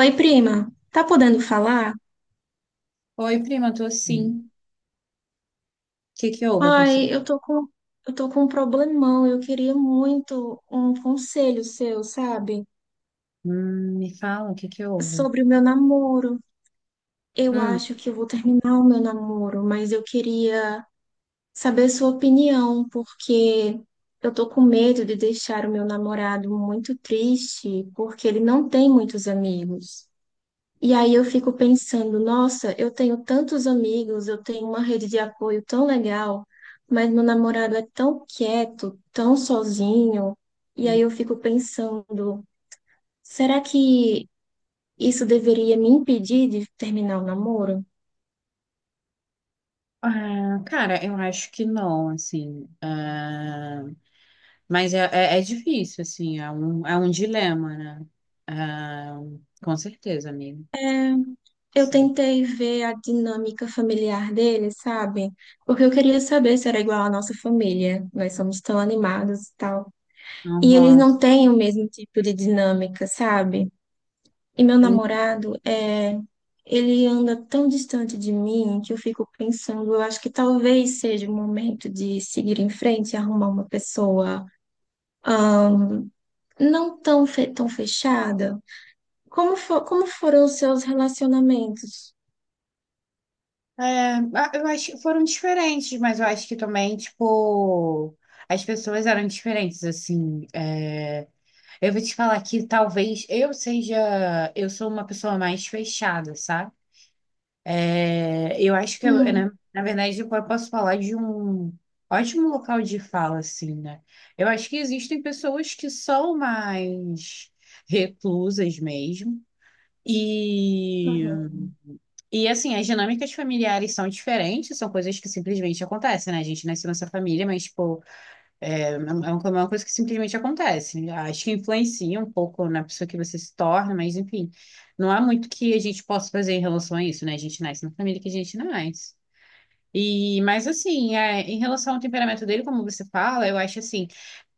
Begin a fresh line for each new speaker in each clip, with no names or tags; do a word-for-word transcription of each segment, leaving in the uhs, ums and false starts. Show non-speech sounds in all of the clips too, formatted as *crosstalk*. Oi, prima, tá podendo falar?
Oi, prima, tô sim. O que que houve? Aconteceu?
Ai, eu tô com, eu tô com um problemão. Eu queria muito um conselho seu, sabe?
Hum, me fala, o que que houve?
Sobre o meu namoro. Eu
Hum.
acho que eu vou terminar o meu namoro, mas eu queria saber sua opinião, porque eu tô com medo de deixar o meu namorado muito triste, porque ele não tem muitos amigos. E aí eu fico pensando, nossa, eu tenho tantos amigos, eu tenho uma rede de apoio tão legal, mas meu namorado é tão quieto, tão sozinho. E aí eu fico pensando, será que isso deveria me impedir de terminar o namoro?
Ah, cara, eu acho que não, assim. ah, mas é, é, é difícil, assim, é um, é um dilema, né? Ah, com certeza, amigo.
Eu
Sim.
tentei ver a dinâmica familiar dele, sabe? Porque eu queria saber se era igual à nossa família. Nós somos tão animados e tal. E eles
Aham.
não têm o mesmo tipo de dinâmica, sabe? E meu
Sim.
namorado, é, ele anda tão distante de mim que eu fico pensando, eu acho que talvez seja o momento de seguir em frente e arrumar uma pessoa, ahn, não tão, fe- tão fechada. Como, fo- como foram os seus relacionamentos?
É, ah, eu acho que foram diferentes, mas eu acho que também, tipo, as pessoas eram diferentes, assim. é, Eu vou te falar que talvez eu seja, eu sou uma pessoa mais fechada, sabe? É, eu acho que, eu,
Hum.
né, na verdade, eu posso falar de um ótimo local de fala, assim, né? Eu acho que existem pessoas que são mais reclusas mesmo. E,
Uhum.
e assim, as dinâmicas familiares são diferentes, são coisas que simplesmente acontecem, né? A gente nasce nessa família, mas, pô. É, é um, é uma é uma coisa que simplesmente acontece. Acho que influencia um pouco na pessoa que você se torna, mas enfim, não há muito que a gente possa fazer em relação a isso, né? A gente nasce na família que a gente nasce. E, mas assim, é, em relação ao temperamento dele, como você fala, eu acho assim,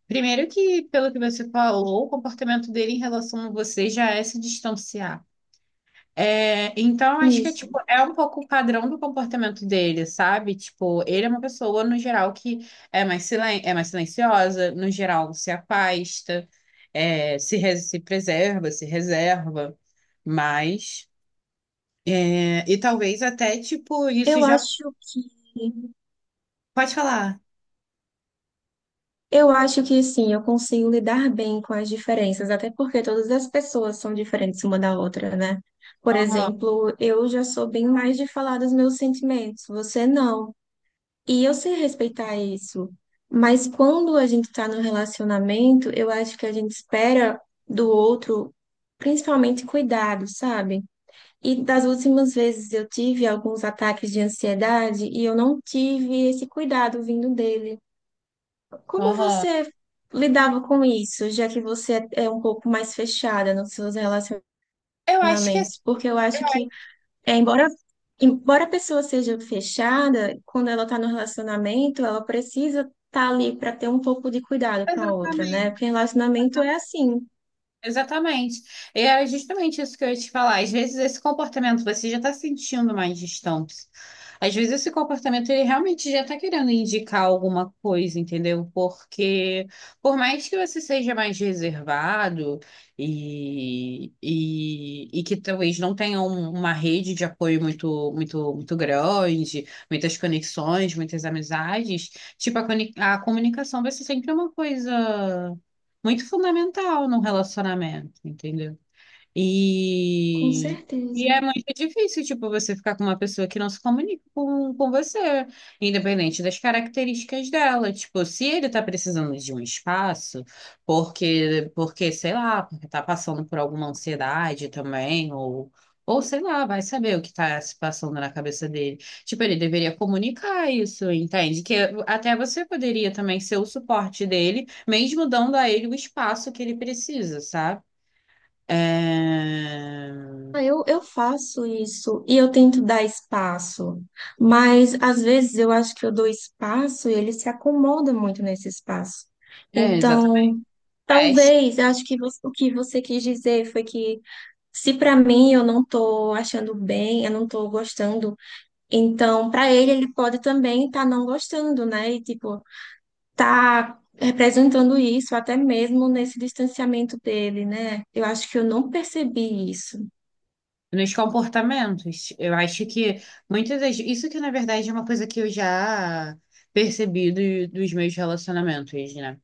primeiro que, pelo que você falou, o comportamento dele em relação a você já é se distanciar. É, então, acho que é,
Isso.
tipo, é um pouco o padrão do comportamento dele, sabe? Tipo, ele é uma pessoa, no geral, que é mais, silen é mais silenciosa, no geral, se afasta, é, se, re- se preserva, se reserva, mas... é, e talvez até, tipo, isso
Eu
já...
acho que
Pode falar.
Eu acho que sim, eu consigo lidar bem com as diferenças, até porque todas as pessoas são diferentes uma da outra, né? Por
Aham,
exemplo, eu já sou bem mais de falar dos meus sentimentos, você não. E eu sei respeitar isso. Mas quando a gente tá no relacionamento, eu acho que a gente espera do outro, principalmente cuidado, sabe? E das últimas vezes eu tive alguns ataques de ansiedade e eu não tive esse cuidado vindo dele. Como
aham.
você lidava com isso, já que você é um pouco mais fechada nos seus
Eu acho que é
relacionamentos? Porque eu acho que, é, embora, embora a pessoa seja fechada, quando ela está no relacionamento, ela precisa estar ali para ter um pouco de cuidado com a outra, né?
exatamente.
Porque relacionamento é assim.
Exatamente. E é justamente isso que eu ia te falar. Às vezes esse comportamento você já está sentindo mais distante. Às vezes esse comportamento ele realmente já está querendo indicar alguma coisa, entendeu? Porque por mais que você seja mais reservado e, e, e que talvez não tenha um- uma rede de apoio muito, muito, muito grande, muitas conexões, muitas amizades, tipo a, coni- a comunicação vai ser sempre uma coisa muito fundamental num relacionamento, entendeu?
Com
E, e
certeza.
é muito difícil, tipo, você ficar com uma pessoa que não se comunica com, com você, independente das características dela. Tipo, se ele tá precisando de um espaço, porque, porque, sei lá, porque tá passando por alguma ansiedade também, ou, ou sei lá, vai saber o que tá se passando na cabeça dele. Tipo, ele deveria comunicar isso, entende? Que até você poderia também ser o suporte dele, mesmo dando a ele o espaço que ele precisa, sabe? É,
Ah, Eu, eu faço isso e eu tento dar espaço, mas às vezes eu acho que eu dou espaço e ele se acomoda muito nesse espaço.
é, exatamente.
Então,
Faz.
talvez, eu acho que você, o que você quis dizer foi que se para mim eu não tô achando bem, eu não tô gostando, então para ele ele pode também estar não gostando, né? E tipo, tá representando isso até mesmo nesse distanciamento dele, né? Eu acho que eu não percebi isso.
Nos comportamentos. Eu acho que muitas das. Isso que, na verdade, é uma coisa que eu já percebi do- dos meus relacionamentos, né?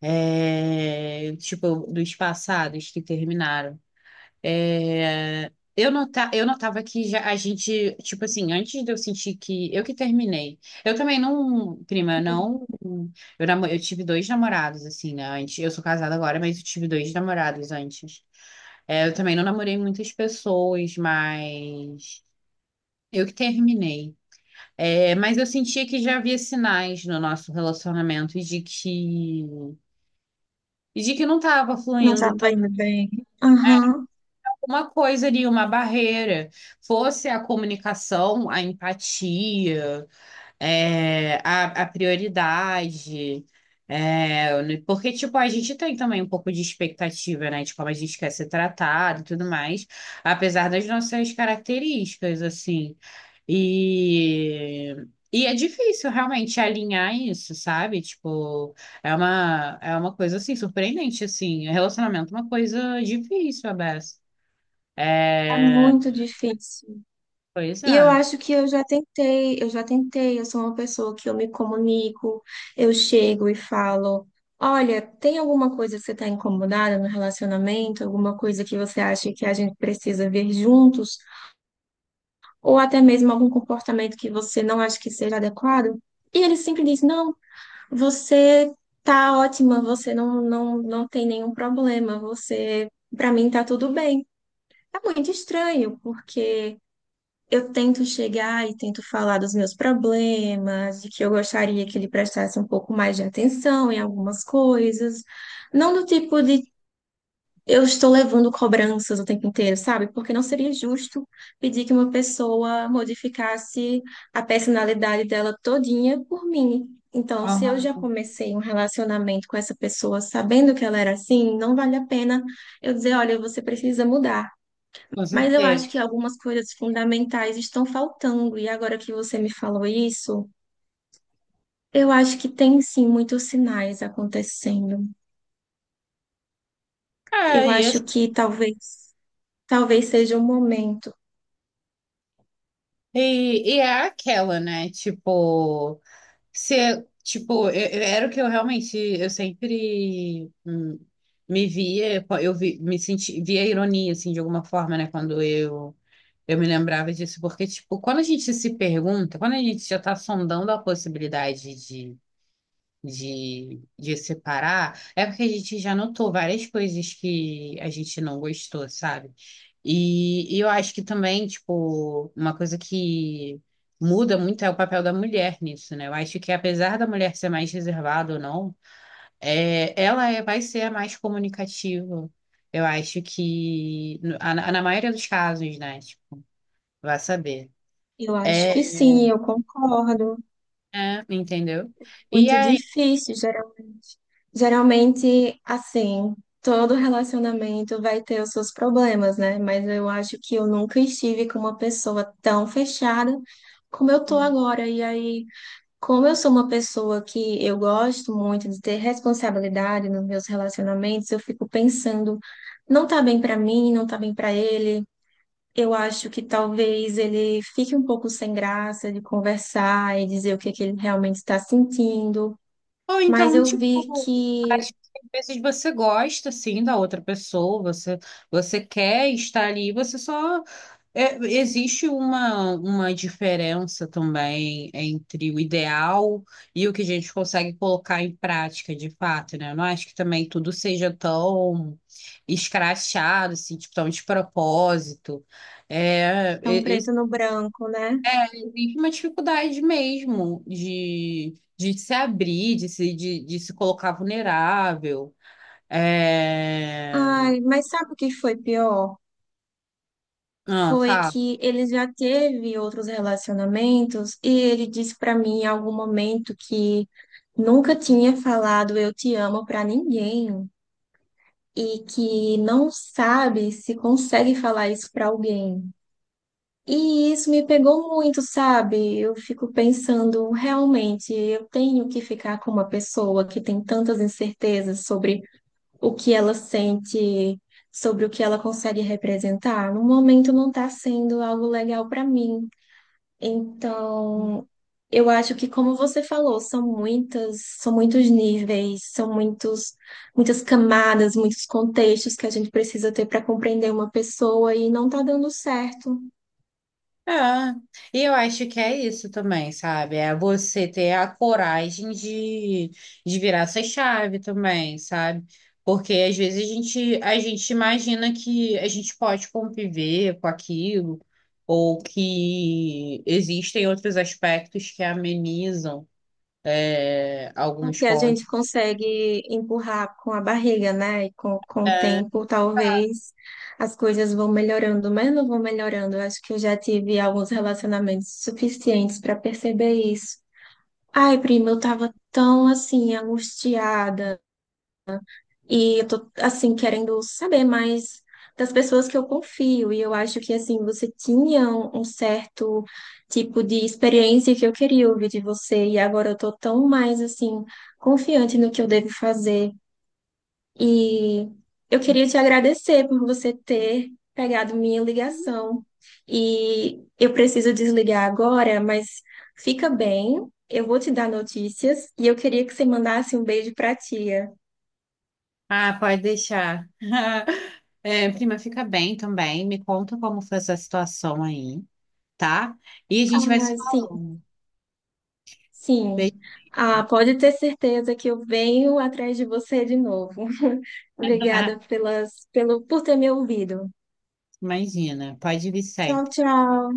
É, tipo, dos passados que terminaram. É, eu nota, eu notava que já a gente, tipo assim, antes de eu sentir que eu que terminei. Eu também não, prima, eu não. Eu, namo- eu tive dois namorados, assim, né? Antes, eu sou casada agora, mas eu tive dois namorados antes. É, eu também não namorei muitas pessoas, mas eu que terminei. É, mas eu sentia que já havia sinais no nosso relacionamento e de que, e de que não estava
Não
fluindo
estava indo bem. Aham.
uma coisa ali, uma barreira. Fosse a comunicação, a empatia, é, a, a prioridade. É, né, porque, tipo, a gente tem também um pouco de expectativa, né? De como a gente quer ser tratado e tudo mais, apesar das nossas características, assim. E. E é difícil realmente alinhar isso, sabe? Tipo, é uma, é uma coisa assim, surpreendente, assim. Relacionamento é uma coisa difícil, Abessa.
É
É,
muito difícil.
pois
E eu
é.
acho que eu já tentei, eu já tentei. Eu sou uma pessoa que eu me comunico, eu chego e falo: olha, tem alguma coisa que você está incomodada no relacionamento? Alguma coisa que você acha que a gente precisa ver juntos? Ou até mesmo algum comportamento que você não acha que seja adequado? E ele sempre diz: não, você tá ótima, você não, não, não tem nenhum problema, você, para mim, tá tudo bem. É muito estranho, porque eu tento chegar e tento falar dos meus problemas, de que eu gostaria que ele prestasse um pouco mais de atenção em algumas coisas. Não do tipo de eu estou levando cobranças o tempo inteiro, sabe? Porque não seria justo pedir que uma pessoa modificasse a personalidade dela todinha por mim. Então, se eu
Aham,
já comecei um relacionamento com essa pessoa sabendo que ela era assim, não vale a pena eu dizer, olha, você precisa mudar.
com
Mas eu
certeza.
acho que algumas coisas fundamentais estão faltando, e agora que você me falou isso, eu acho que tem sim muitos sinais acontecendo. Eu
É, e, esse-
acho que talvez, talvez seja um momento.
e, e é aquela, né? Tipo, se, tipo, eu- eu- era o que eu realmente, eu sempre hum, me via, eu vi- me senti, via ironia, assim, de alguma forma, né? Quando eu, eu me lembrava disso, porque, tipo, quando a gente se pergunta, quando a gente já tá sondando a possibilidade de, de separar, é porque a gente já notou várias coisas que a gente não gostou, sabe? E, e eu acho que também, tipo, uma coisa que muda muito é o papel da mulher nisso, né? Eu acho que apesar da mulher ser mais reservada ou não, é, ela é, vai ser a mais comunicativa. Eu acho que, no- a- na, na maioria dos casos, né? Tipo, vai saber.
Eu acho
É,
que sim, eu concordo.
é, entendeu? E
Muito
aí
difícil, geralmente. Geralmente, assim, todo relacionamento vai ter os seus problemas, né? Mas eu acho que eu nunca estive com uma pessoa tão fechada como eu tô agora. E aí, como eu sou uma pessoa que eu gosto muito de ter responsabilidade nos meus relacionamentos, eu fico pensando, não tá bem pra mim, não tá bem pra ele. Eu acho que talvez ele fique um pouco sem graça de conversar e dizer o que é que ele realmente está sentindo.
ou
Mas
então,
eu vi
tipo,
que
acho que às vezes você gosta, assim, da outra pessoa, você, você quer estar ali, você só... é, existe uma, uma diferença também entre o ideal e o que a gente consegue colocar em prática, de fato, né? Eu não acho que também tudo seja tão escrachado, assim, tipo, tão de propósito. É,
é um preto no branco, né?
vive uma dificuldade mesmo de, de se abrir, de se, de, de se colocar vulnerável. É...
Ai, mas sabe o que foi pior?
Ah,
Foi
fala.
que ele já teve outros relacionamentos e ele disse pra mim em algum momento que nunca tinha falado eu te amo pra ninguém e que não sabe se consegue falar isso pra alguém. E isso me pegou muito, sabe? Eu fico pensando, realmente, eu tenho que ficar com uma pessoa que tem tantas incertezas sobre o que ela sente, sobre o que ela consegue representar, no momento não está sendo algo legal para mim. Então, eu acho que, como você falou, são muitas, são muitos níveis, são muitos, muitas camadas, muitos contextos que a gente precisa ter para compreender uma pessoa e não está dando certo.
É, e eu acho que é isso também, sabe? É você ter a coragem de, de virar essa chave também, sabe? Porque às vezes a gente, a gente imagina que a gente pode conviver com aquilo, ou que existem outros aspectos que amenizam. É,
O
alguns
que a
pontos.
gente consegue empurrar com a barriga, né? E com, com o tempo, talvez as coisas vão melhorando, mas não vão melhorando. Eu acho que eu já tive alguns relacionamentos suficientes para perceber isso. Ai, prima, eu tava tão assim, angustiada. E eu tô, assim, querendo saber mais das pessoas que eu confio. E eu acho que, assim, você tinha um, um certo tipo de experiência que eu queria ouvir de você. E agora eu tô tão mais, assim, confiante no que eu devo fazer. E eu queria te agradecer por você ter pegado minha ligação. E eu preciso desligar agora, mas fica bem. Eu vou te dar notícias e eu queria que você mandasse um beijo pra tia.
Ah, pode deixar. *laughs* É, prima, fica bem também. Me conta como foi essa situação aí, tá? E a gente vai se
Ah, sim.
falando.
Sim,
Beijo.
ah, pode ter certeza que eu venho atrás de você de novo. *laughs*
Ah,
Obrigada pelas, pelo, por ter me ouvido.
imagina, pode vir
Tchau,
sempre.
tchau.